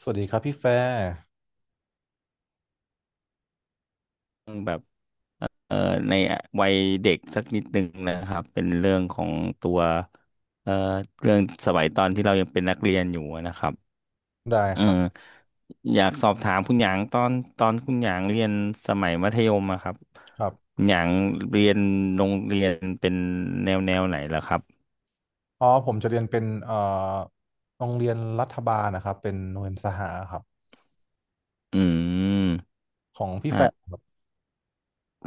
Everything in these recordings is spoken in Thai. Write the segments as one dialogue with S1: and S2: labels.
S1: สวัสดีครับพี่แฟร์
S2: แบบเอ่อในวัยเด็กสักนิดหนึ่งนะครับเป็นเรื่องของตัวเอ่อเรื่องสมัยตอนที่เรายังเป็นนักเรียนอยู่นะครับ
S1: ได้
S2: เออ
S1: ครับ
S2: อยากสอบถามคุณหยางตอนคุณหยางเรียนสมัยมัธยมอะครับ
S1: ครับ
S2: คุณหยางเรียนโรงเรียนเป็นแนวไหนล่ะครับ
S1: อ๋อผมจะเรียนเป็นโรงเรียนรัฐบาลนะครับเป็นโรงเรียนสหครับ
S2: อืม
S1: ของพี่แฟร์
S2: ฮะ
S1: ครับ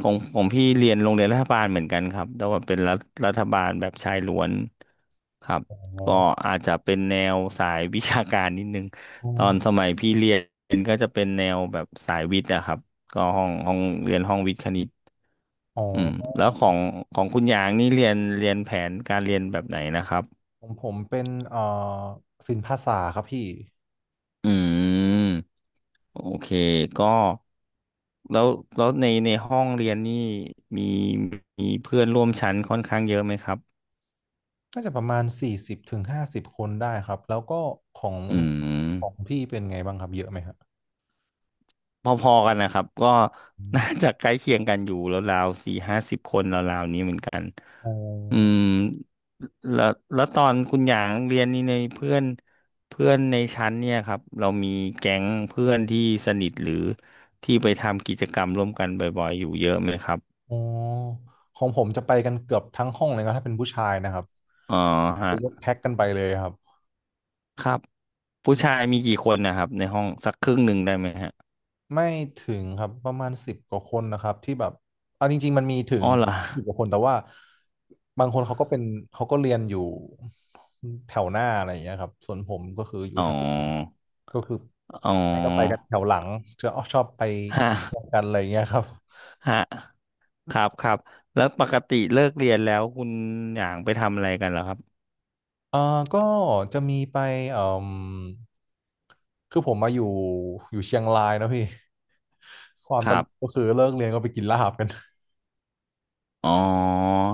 S2: ของพี่เรียนโรงเรียนรัฐบาลเหมือนกันครับแต่ว่าเป็นรัฐบาลแบบชายล้วนครับ
S1: อ๋อ
S2: ก็อาจจะเป็นแนวสายวิชาการนิดนึง
S1: อ๋อ
S2: ตอนสมัยพี่เรียนก็จะเป็นแนวแบบสายวิทย์อะครับก็ห้องเรียนห้องวิทย์คณิต
S1: อ๋อ
S2: อืมแล้วของคุณยางนี่เรียนแผนการเรียนแบบไหนนะครับ
S1: ของผมเป็นศิลปภาษาครับพี่
S2: อืมโอเคก็แล้วแล้วในห้องเรียนนี่มีมีเพื่อนร่วมชั้นค่อนข้างเยอะไหมครับ
S1: น่าจะประมาณ40 ถึง 50 คนได้ครับแล้วก็ของ
S2: อืม
S1: ของพี่เป็นไงบ้างครับเยอะไหมครับ
S2: พอๆกันนะครับก็
S1: อ
S2: น่า
S1: ม
S2: จะใกล้เคียงกันอยู่แล้วราวสี่ห้าสิบคนราวๆนี้เหมือนกัน
S1: อ๋อ
S2: อืมแล้วตอนคุณหยางเรียนนี่ในเพื่อนเพื่อนในชั้นเนี่ยครับเรามีแก๊งเพื่อนที่สนิทหรือที่ไปทำกิจกรรมร่วมกันบ่อยๆอยู่เยอะไหมครับ
S1: อ๋อของผมจะไปกันเกือบทั้งห้องเลยนะถ้าเป็นผู้ชายนะครับ
S2: อ๋อฮะ
S1: ไปยกแพ็กกันไปเลยครับ
S2: ครับผู้ชายมีกี่คนนะครับในห้องสักครึ่งหนึ่งได้ไหมฮะ
S1: ไม่ถึงครับประมาณ10 กว่าคนนะครับที่แบบเอาจริงๆมันมีถึ
S2: อ๋
S1: ง
S2: อเหรอ
S1: สิบกว่าคนแต่ว่าบางคนเขาก็เรียนอยู่แถวหน้าอะไรอย่างเงี้ยครับส่วนผมก็คืออยู่
S2: อ๋
S1: แถวหลัง
S2: อ
S1: ก็คือ
S2: อ๋อ
S1: ไปก็ไปกันแถวหลังจะชอบไป
S2: ฮะ
S1: กันอะไรอย่างเงี้ยครับ
S2: ฮะ ครับครับแล้วปกติเลิกเรียนแล้วคุณหยางไปทำอะไรกันเหรอครับ
S1: เอ่อก็จะมีไปเอ่มคือผมมาอยู่เชียงรายนะพี่ความ
S2: ค
S1: ต
S2: รั
S1: ลกก็
S2: บ
S1: คือเลิกเรียนก็ไปกินลาบกัน
S2: อ๋อ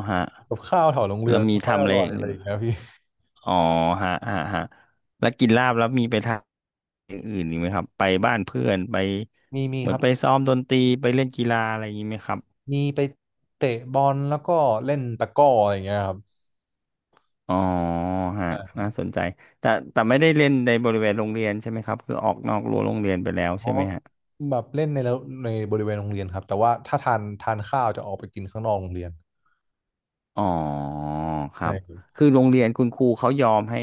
S2: ฮะ
S1: กับข้าวแถวโรงเรี
S2: แล้
S1: ยน
S2: วมี
S1: ไม่ค่อย
S2: ทำ
S1: อ
S2: อะไร
S1: ร่อยอะไร
S2: อื่น
S1: อย่างเงี้ยพี่
S2: อ๋อฮะฮะฮะแล้วกินลาบแล้วมีไปทำอย่างอื่นอีกไหมครับไปบ้านเพื่อนไป
S1: มี
S2: เหมื
S1: ค
S2: อน
S1: รับ
S2: ไปซ้อมดนตรีไปเล่นกีฬาอะไรอย่างนี้ไหมครับ
S1: มีไปเตะบอลแล้วก็เล่นตะกร้ออะไรอย่างเงี้ยครับ
S2: อ๋อฮะ
S1: อ่า
S2: น่าสนใจแต่แต่ไม่ได้เล่นในบริเวณโรงเรียนใช่ไหมครับคือออกนอกรั้วโรงเรียนไปแล้ว
S1: เพ
S2: ใช่
S1: ราะ
S2: ไหมฮะ
S1: แบบเล่นในแล้วในบริเวณโรงเรียนครับแต่ว่าถ้าทานข้าวจะออกไปกินข้างนอกโรงเรียน
S2: อ๋อครั
S1: ใช่
S2: บคือโรงเรียนคุณครูเขายอมให้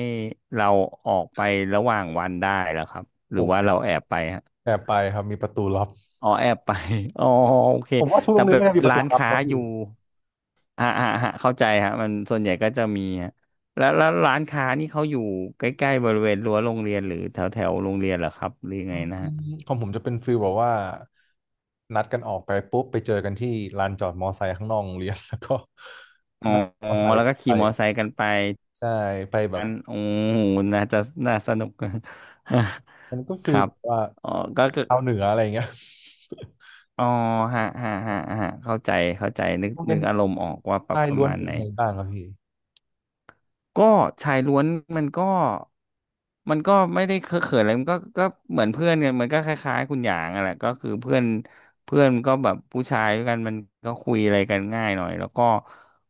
S2: เราออกไประหว่างวันได้แล้วครับห
S1: ผ
S2: รือว่า
S1: ม
S2: เราแอบไปฮะ
S1: แอบไปครับมีประตูลับ
S2: อ๋อแอบไป อ๋อโอเค
S1: ผมว่าทุกโร
S2: แต่
S1: งเรีย
S2: เป็
S1: น
S2: น
S1: น่าจะมีประ
S2: ร้า
S1: ตู
S2: น
S1: ลับ
S2: ค้า
S1: เนอะ
S2: อ
S1: พี่
S2: ยู่อ่าอ่าอ่าเข้าใจฮะมันส่วนใหญ่ก็จะมีฮะแล้วร้านค้านี่เขาอยู่ใกล้ๆบริเวณรั้วโรงเรียนหรือแถวแถวโรงเรียนเหรอครับหรือยัง
S1: อื
S2: ไงนะฮะ
S1: ของผมจะเป็นฟิลแบบว่านัดกันออกไปปุ๊บไปเจอกันที่ลานจอดมอไซค์ข้างนอกโรงเรียน แล้วก็
S2: อ๋อ
S1: นั่งมอไซ
S2: แล้
S1: ค์
S2: วก็
S1: ไป
S2: ขี่มอเตอร์ไซค์กันไป
S1: ใช่ไปแบ
S2: อั
S1: บ
S2: นโอ้โหน่าจะน่าสนุก
S1: มันก็
S2: ค
S1: ฟิล
S2: รับ
S1: แบบว่า
S2: อ๋อก็คือ
S1: ชาวเหนืออะไรอย่างเงี้ย
S2: อ๋อฮะฮะฮะฮะเข้าใจเข้าใจนึก
S1: โรงเรี
S2: นึ
S1: ย
S2: ก
S1: น
S2: อารมณ์ออกว่าปรับ
S1: ชาย
S2: ประ
S1: ล้วน
S2: มาณ
S1: เป็
S2: ไห
S1: น
S2: น
S1: ไงบ้างครับพี่
S2: ก็ชายล้วนมันก็มันก็ไม่ได้เคอะเขินอะไรมันก็เหมือนเพื่อนกันมันก็คล้ายๆคุณหยางอะแหละก็คือเพื่อนเพื่อนก็แบบผู้ชายด้วยกันมันก็คุยอะไรกันง่ายหน่อยแล้วก็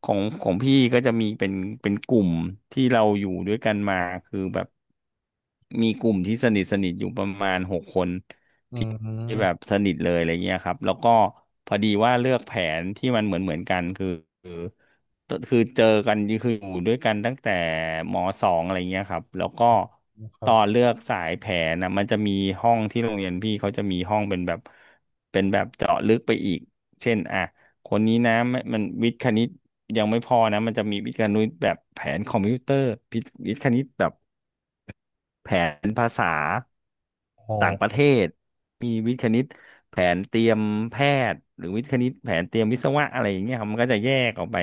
S2: ของพี่ก็จะมีเป็นกลุ่มที่เราอยู่ด้วยกันมาคือแบบมีกลุ่มที่สนิทอยู่ประมาณหกคน
S1: อื
S2: ที่แบบ
S1: ม
S2: สนิทเลยอะไรเงี้ยครับแล้วก็พอดีว่าเลือกแผนที่มันเหมือนกันคือคือเจอกันคืออยู่ด้วยกันตั้งแต่มสองอะไรเงี้ยครับแล้วก็
S1: ค
S2: ต
S1: รับ
S2: อนเลือกสายแผนนะมันจะมีห้องที่โรงเรียนพี่เขาจะมีห้องเป็นแบบเจาะลึกไปอีกเช่นอ่ะคนนี้นะไม่มันวิทย์คณิตยังไม่พอนะมันจะมีวิทย์คณิตแบบแผนคอมพิวเตอร์วิทย์คณิตแบบ แผนภาษา
S1: อ๋
S2: ต่างประเท
S1: อ
S2: ศมีวิทย์คณิตแผนเตรียมแพทย์หรือวิทย์คณิตแผนเตรียมวิศวะอะไรอย่างเงี้ยครับมันก็จะแยกออกไป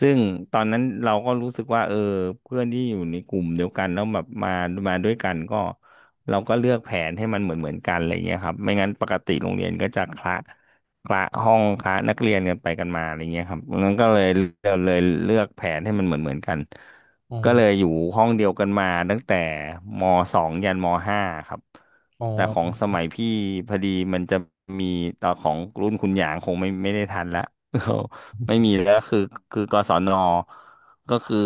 S2: ซึ่งตอนนั้นเราก็รู้สึกว่าเออเพื่อนที่อยู่ในกลุ่มเดียวกันแล้วแบบมาด้วยกันก็เราก็เลือกแผนให้มันเหมือนกันอะไรเงี้ยครับไม่งั้นปกติโรงเรียนก็จะคละห้องคละนักเรียนกันไปกันมาอะไรเงี้ยครับงั้นก็เลยเราเลยเลือกแผนให้มันเหมือนกัน
S1: อื
S2: ก็เลย
S1: ม
S2: อยู่ห้องเดียวกันมาตั้งแต่มสองยันมห้าครับ
S1: อ๋อ
S2: แต่ของสมัยพี่พอดีมันจะมีตอนของรุ่นคุณหยางคงไม่ได้ทันละ ไม่มีแล้วคือกศนก็คือ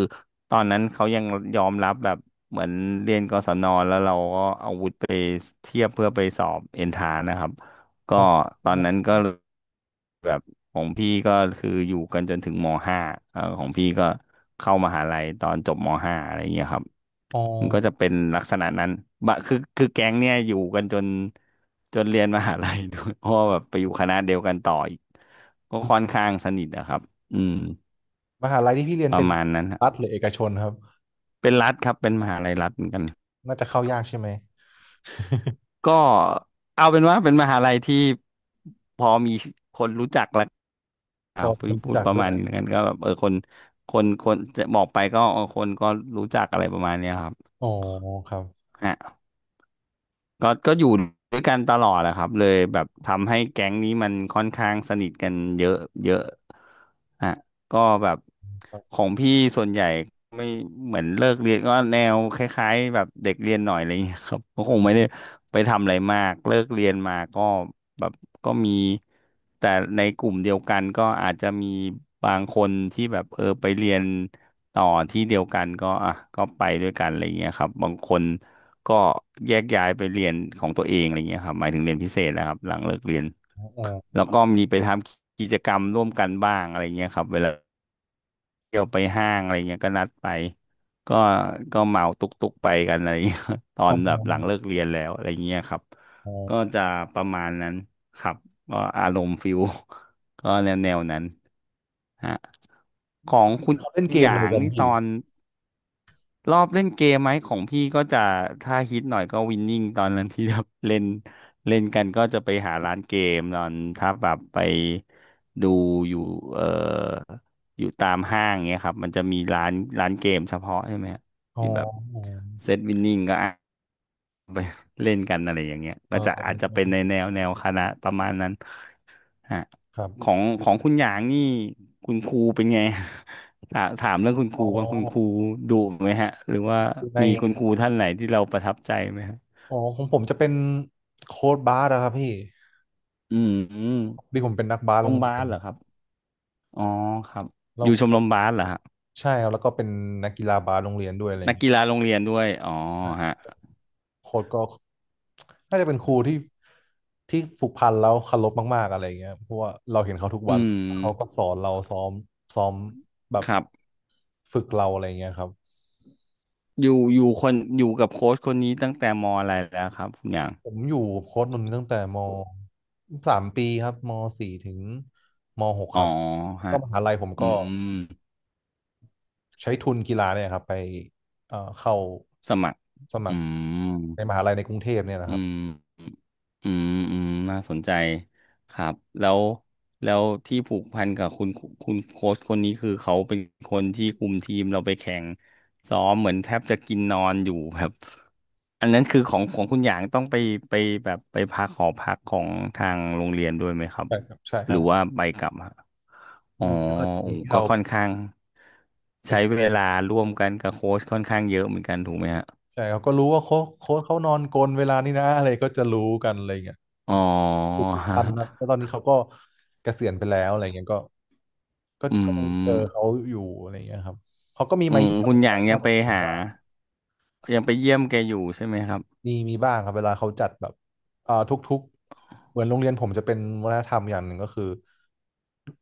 S2: ตอนนั้นเขายอมรับแบบเหมือนเรียนกศนแล้วเราก็เอาวุธไปเทียบเพื่อไปสอบเอนทานะครับ ก็
S1: อ๋อ
S2: ตอนนั้นก็แบบของพี่ก็คืออยู่กันจนถึงมห้าเออของพี่ก็เข้ามหาลัยตอนจบมห้าอะไรเงี้ยครับ
S1: อ๋อ
S2: มันก็จะเป็นลักษณะนั้นบะคือคือแก๊งเนี่ยอยู่กันจนจนเรียนมหาลัยด้วย เพราะว่าแบบไปอยู่คณะเดียวกันต่ออีกก็
S1: อืม
S2: ค่อนข้างสนิทนะครับอืม
S1: มหาลัยที่พี่เรียน
S2: ป
S1: เป็
S2: ระ
S1: น
S2: มาณนั้นค
S1: รั
S2: รับ
S1: ฐหรือเอกชนครับ
S2: เป็นรัฐครับเป็นมหาลัยรัฐเหมือนกัน
S1: น่าจะเข้ายากใช่ไหม
S2: ก็เอาเป็นว่าเป็นมหาลัยที่พอมีคนรู้จัก
S1: พอ
S2: พู
S1: ค
S2: ด
S1: น
S2: พู
S1: รู้
S2: ด
S1: จัก
S2: ประ
S1: ด้
S2: มา
S1: ว
S2: ณ
S1: ย
S2: นี้แล้วกันก็แบบเออคนคนจะบอกไปก็เออคนก็รู้จักอะไรประมาณเนี้ยครับ
S1: อ๋อครับ
S2: ฮะ ก็อยู่ด้วยกันตลอดแหละครับเลยแบบทำให้แก๊งนี้มันค่อนข้างสนิทกันเยอะเยอะฮะก็แบบ
S1: ครั
S2: ข
S1: บ
S2: องพี่ส่วนใหญ่ไม่เหมือนเลิกเรียนก็แนวคล้ายๆแบบเด็กเรียนหน่อยอะไรอย่างเงี้ยครับ ก็คงไม่ได้ไปทำอะไรมากเลิกเรียนมาก็แบบก็มีแต่ในกลุ่มเดียวกันก็อาจจะมีบางคนที่แบบเออไปเรียนต่อที่เดียวกันก็ก็ไปด้วยกันอะไรอย่างเงี้ยครับบางคน ก็แยกย้ายไปเรียนของตัวเองอะไรเงี้ยครับหมายถึงเรียนพิเศษนะครับหลังเลิกเรียน
S1: อ๋อ
S2: แล้วก็มีไปทำกิจกรรมร่วมกันบ้างอะไรเงี้ยครับเวลาเที่ยวไปห้างอะไรเงี้ยก็นัดไปก็ก็เหมาตุกตุกไปกันอะไรเงี้ย ตอ
S1: อ๋อ
S2: นแบบหลังเลิกเรียนแล้วอะไรเงี้ยครับ
S1: อ๋อ
S2: ก็จะประมาณนั้นครับก็อารมณ์ฟิล ก็แนวแนวนั้นฮะของคุณ
S1: เขาเล่นเก
S2: ห
S1: ม
S2: ยา
S1: อะไร
S2: ง
S1: กัน
S2: นี่ต
S1: พี่
S2: อน รอบเล่นเกมไหมของพี่ก็จะถ้าฮิตหน่อยก็วินนิ่งตอนนั้นที่แบบเล่นเล่นกันก็จะไปหาร้านเกมตอนถ้าแบบไปดูอยู่เอ่ออยู่ตามห้างเงี้ยครับมันจะมีร้านร้านเกมเฉพาะใช่ไหมฮะ
S1: อ๋อ
S2: ที่แบบ
S1: อ๋อ
S2: เซตวินนิ่งก็ ไปเล่นกันอะไรอย่างเงี้ยก็
S1: อ๋อ
S2: จะอาจจะเป็นในแนวแนวคณะประมาณนั้นฮะ
S1: ครับ
S2: ของของคุณหยางนี่คุณครูเป็นไง ถามถามเรื่องคุณค
S1: อ๋
S2: รู
S1: อ
S2: ว่างคุณครูดุไหมฮะหรือว่า
S1: อยู่ใน
S2: มีคุณครูท่านไหนที่เราประทับใจไหมฮะ
S1: อ๋อของผมจะเป็นโค้ดบาสอะครับพี่
S2: อื
S1: พ
S2: ม
S1: อดีผมเป็นนักบาส
S2: ชมร
S1: โร
S2: ม
S1: งเรี
S2: บา
S1: ยน
S2: สเหรอครับอ๋อครับอ
S1: เรา
S2: ยู่ชมรมบาสเหรอฮะ
S1: ใช่ครับแล้วก็เป็นนักกีฬาบาสโรงเรียนด้วยอะไรอ
S2: นั
S1: ย่าง
S2: ก
S1: เงี้ย
S2: กีฬาโรงเรียนด้วยอ๋อฮะ
S1: โค้ชก็น่าจะเป็นครูที่ผูกพันแล้วเคารพมากๆอะไรอย่างเงี้ยเพราะว่าเราเห็นเขาทุก
S2: อื
S1: วันเขาก็
S2: ม
S1: สอนเราซ้อมแบบ
S2: ครับ
S1: ฝึกเราอะไรอย่างเงี้ยครับ
S2: อยู่อยู่คนอยู่กับโค้ชคนนี้ตั้งแต่มอะไรแล้วครับคุณหยาง
S1: ผมอยู่โค้ชนนท์ตั้งแต่มสามปีครับมสี่ถึงมหก
S2: อ๋
S1: ค
S2: อ
S1: รับ
S2: ฮะ
S1: ก็มหาลัยผม
S2: อื
S1: ก็
S2: ม
S1: ใช้ทุนกีฬาเนี่ยครับไปเข้า
S2: สมัคร
S1: สมั
S2: อื
S1: คร
S2: ม
S1: ในมหาลัยในกรุงเทพเนี่ยนะ
S2: อื
S1: ครับ
S2: มอืมอืมน่าสนใจครับ แล้วแล้วที่ผูกพันกับคุณคุณโค้ชคนนี้คือเขาเป็นคนที่คุมทีมเราไปแข่งซ้อมเหมือนแทบจะกินนอนอยู่แบบ อันนั้นคือของของคุณหยางต้องไปไปแบบไปพักหอพักของทางโรงเรียนด้วยไหมครับ
S1: ใช่ครับใช่ค
S2: หรื
S1: รั
S2: อ
S1: บ
S2: ว่าไปกลับฮะอ๋อ
S1: แล้วก็จะ
S2: โอ้
S1: มีที่
S2: ก็
S1: เรา
S2: ค่อนข้างใช้
S1: ไป
S2: เวลาร่วมกันกับโค้ชค่อนข้างเยอะเหมือนกันถูกไหมฮะ
S1: ใช่เขาก็รู้ว่าโค้ชเขานอนกลนเวลานี้นะอะไรก็จะรู้กันอะไรเงี้ย
S2: อ๋อ
S1: ทุกๆท่านครับแล้วตอนนี้เขาก็เกษียณไปแล้วอะไรเงี้ยก็
S2: อื
S1: ยังเจอ
S2: ม
S1: เขาอยู่อะไรเงี้ยครับเขาก็มี
S2: อื
S1: มา
S2: ม
S1: เยี่ยม
S2: คุณหยาง
S1: เยี่
S2: ยั
S1: ย
S2: ง
S1: ม
S2: ไป
S1: ผม
S2: หา
S1: บ้าง
S2: ยังไปเยี่ยมแกอยู่ใช่ไหมครับ
S1: มีบ้างครับเวลาเขาจัดแบบทุกๆเหมือนโรงเรียนผมจะเป็นวัฒนธรรมอย่างหนึ่งก็คือ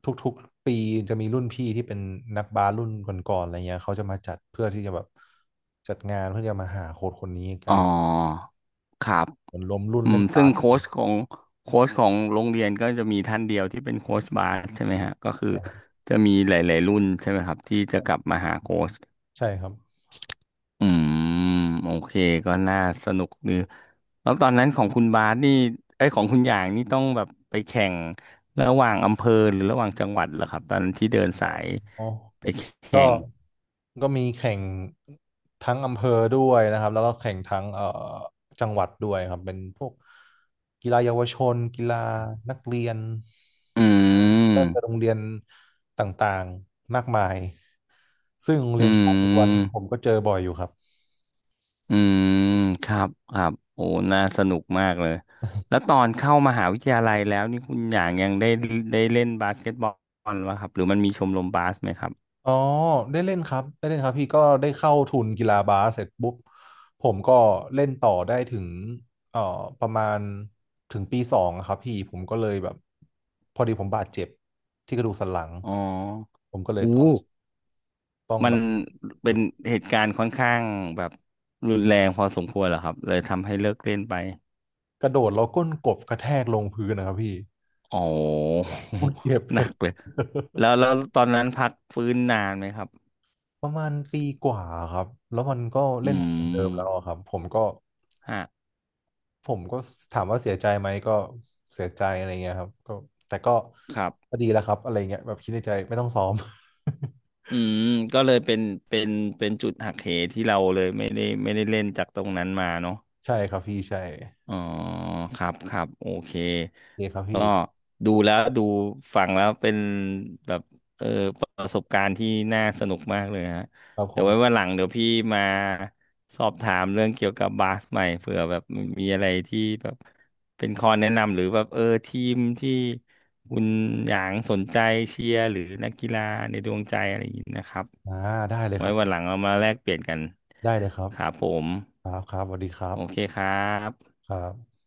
S1: ทุกๆปีจะมีรุ่นพี่ที่เป็นนักบาสรุ่นก่อนๆอะไรเงี้ยเขาจะมาจัดเพื่อที่จะแบบจัดงานเพื่อจะมาหาโค้ชคนนี้กั
S2: อ๋อ
S1: น
S2: ครับ
S1: เหมือนรวมรุ่น
S2: อืม
S1: เล่น
S2: ซึ่
S1: บา
S2: ง
S1: ส
S2: โค้ชของโค้ชของโรงเรียนก็จะมีท่านเดียวที่เป็นโค้ชบาสใช่ไหมฮะก็คือ
S1: ใช่ครับ
S2: จะมีหลายๆรุ่นใช่ไหมครับที่จะกลับมาหาโค้ช
S1: ใช่ครับ
S2: อืมโอเคก็น่าสนุกดีแล้วตอนนั้นของคุณบาสนี่ไอ้ยของคุณอย่างนี่ต้องแบบไปแข่งระหว่างอำเภอหรือระหว่างจังหวัดเหรอครับตอนที่เดิน
S1: อ๋อ
S2: สาย
S1: อ๋อ
S2: ไป
S1: ก็
S2: แข่ง
S1: ก็มีแข่งทั้งอำเภอด้วยนะครับ แล้วก็แข่งทั้งจังหวัดด้วยครับ เป็นพวกกีฬาเยาวชนกีฬานักเรียน
S2: อืม
S1: ก็จะโรงเรียนต่างๆ มากมาย ซึ่งโรง
S2: อื
S1: เรียนชายล้วน
S2: ม
S1: ผมก็เจอบ่อยอยู่ครับ
S2: อืมครับครับโอ้น่าสนุกมากเลยแล้วตอนเข้ามหาวิทยาลัยแล้วนี่คุณอย่างยังได้ได้เล่นบาสเกตบอลวะครับหรือมันมีชมรมบาสไหมครับ
S1: อ๋อได้เล่นครับได้เล่นครับพี่ก็ได้เข้าทุนกีฬาบาสเสร็จปุ๊บผมก็เล่นต่อได้ถึงเอ่อประมาณถึงปีสองอะครับพี่ผมก็เลยแบบพอดีผมบาดเจ็บที่กระดูกสันหลัง
S2: อ๋อ
S1: ผมก็เลยต้อ
S2: อู้
S1: งต้อง
S2: มั
S1: แบ
S2: น
S1: บห
S2: เป็
S1: ยุ
S2: น
S1: ด
S2: เหตุการณ์ค่อนข้างแบบรุนแรงพอสมควรเหรอครับเลยทำให้เลิกเล่นไป
S1: กระโดดแล้วก้นกบกระแทกลงพื้นนะครับพี่
S2: อ๋อ
S1: โคตรเจ็บ
S2: ห
S1: เล
S2: นั
S1: ย
S2: กเลยแล้วแล้วตอนนั้นพักฟื้นนานไหมครับ
S1: ประมาณปีกว่าครับแล้วมันก็
S2: อื
S1: เล่นไม่เหมือนเดิมแล้ว
S2: ม
S1: อะครับผมก็
S2: ฮะ
S1: ผมก็ถามว่าเสียใจไหมก็เสียใจอะไรเงี้ยครับก็แต่ก็
S2: ครับ
S1: ก็ดีแล้วครับอะไรเงี้ยแบบคิดในใจไม่ต้องซ้อม
S2: อืม ก็เลยเป็นเป็นเป็นจุดหักเหที่เราเลยไม่ได้ไม่ได้เล่นจากตรงนั้นมาเนาะ
S1: ใช่ครับพี่ใช่
S2: อ๋อครับ ครับ โอเค
S1: โอเคครับ
S2: ก็
S1: พี่
S2: ดูแล้วดูฟังแล้วเป็นแบบเออประสบการณ์ที่น่าสนุกมากเลยฮะ
S1: ครับค
S2: เดี๋ยว
S1: ง
S2: ไว้วันหลังเดี๋ยวพี่มาสอบถามเรื่องเกี่ยวกับบาสใหม่เผื่อแบบมีอะไรที่แบบเป็นข้อแนะนำหรือแบบเออทีมที่คุณหยางสนใจเชียร์หรือนักกีฬาในดวงใจอะไรอย่างนี้นะครับ
S1: อ่าได้เลยค
S2: ไว้
S1: รับ
S2: วันหลังเรามาแลกเปลี่ยนกัน
S1: ได้เลยครับ
S2: ครับผม
S1: ครับครับสวัสดีครั
S2: โอเค
S1: บ
S2: ครับ
S1: ครับ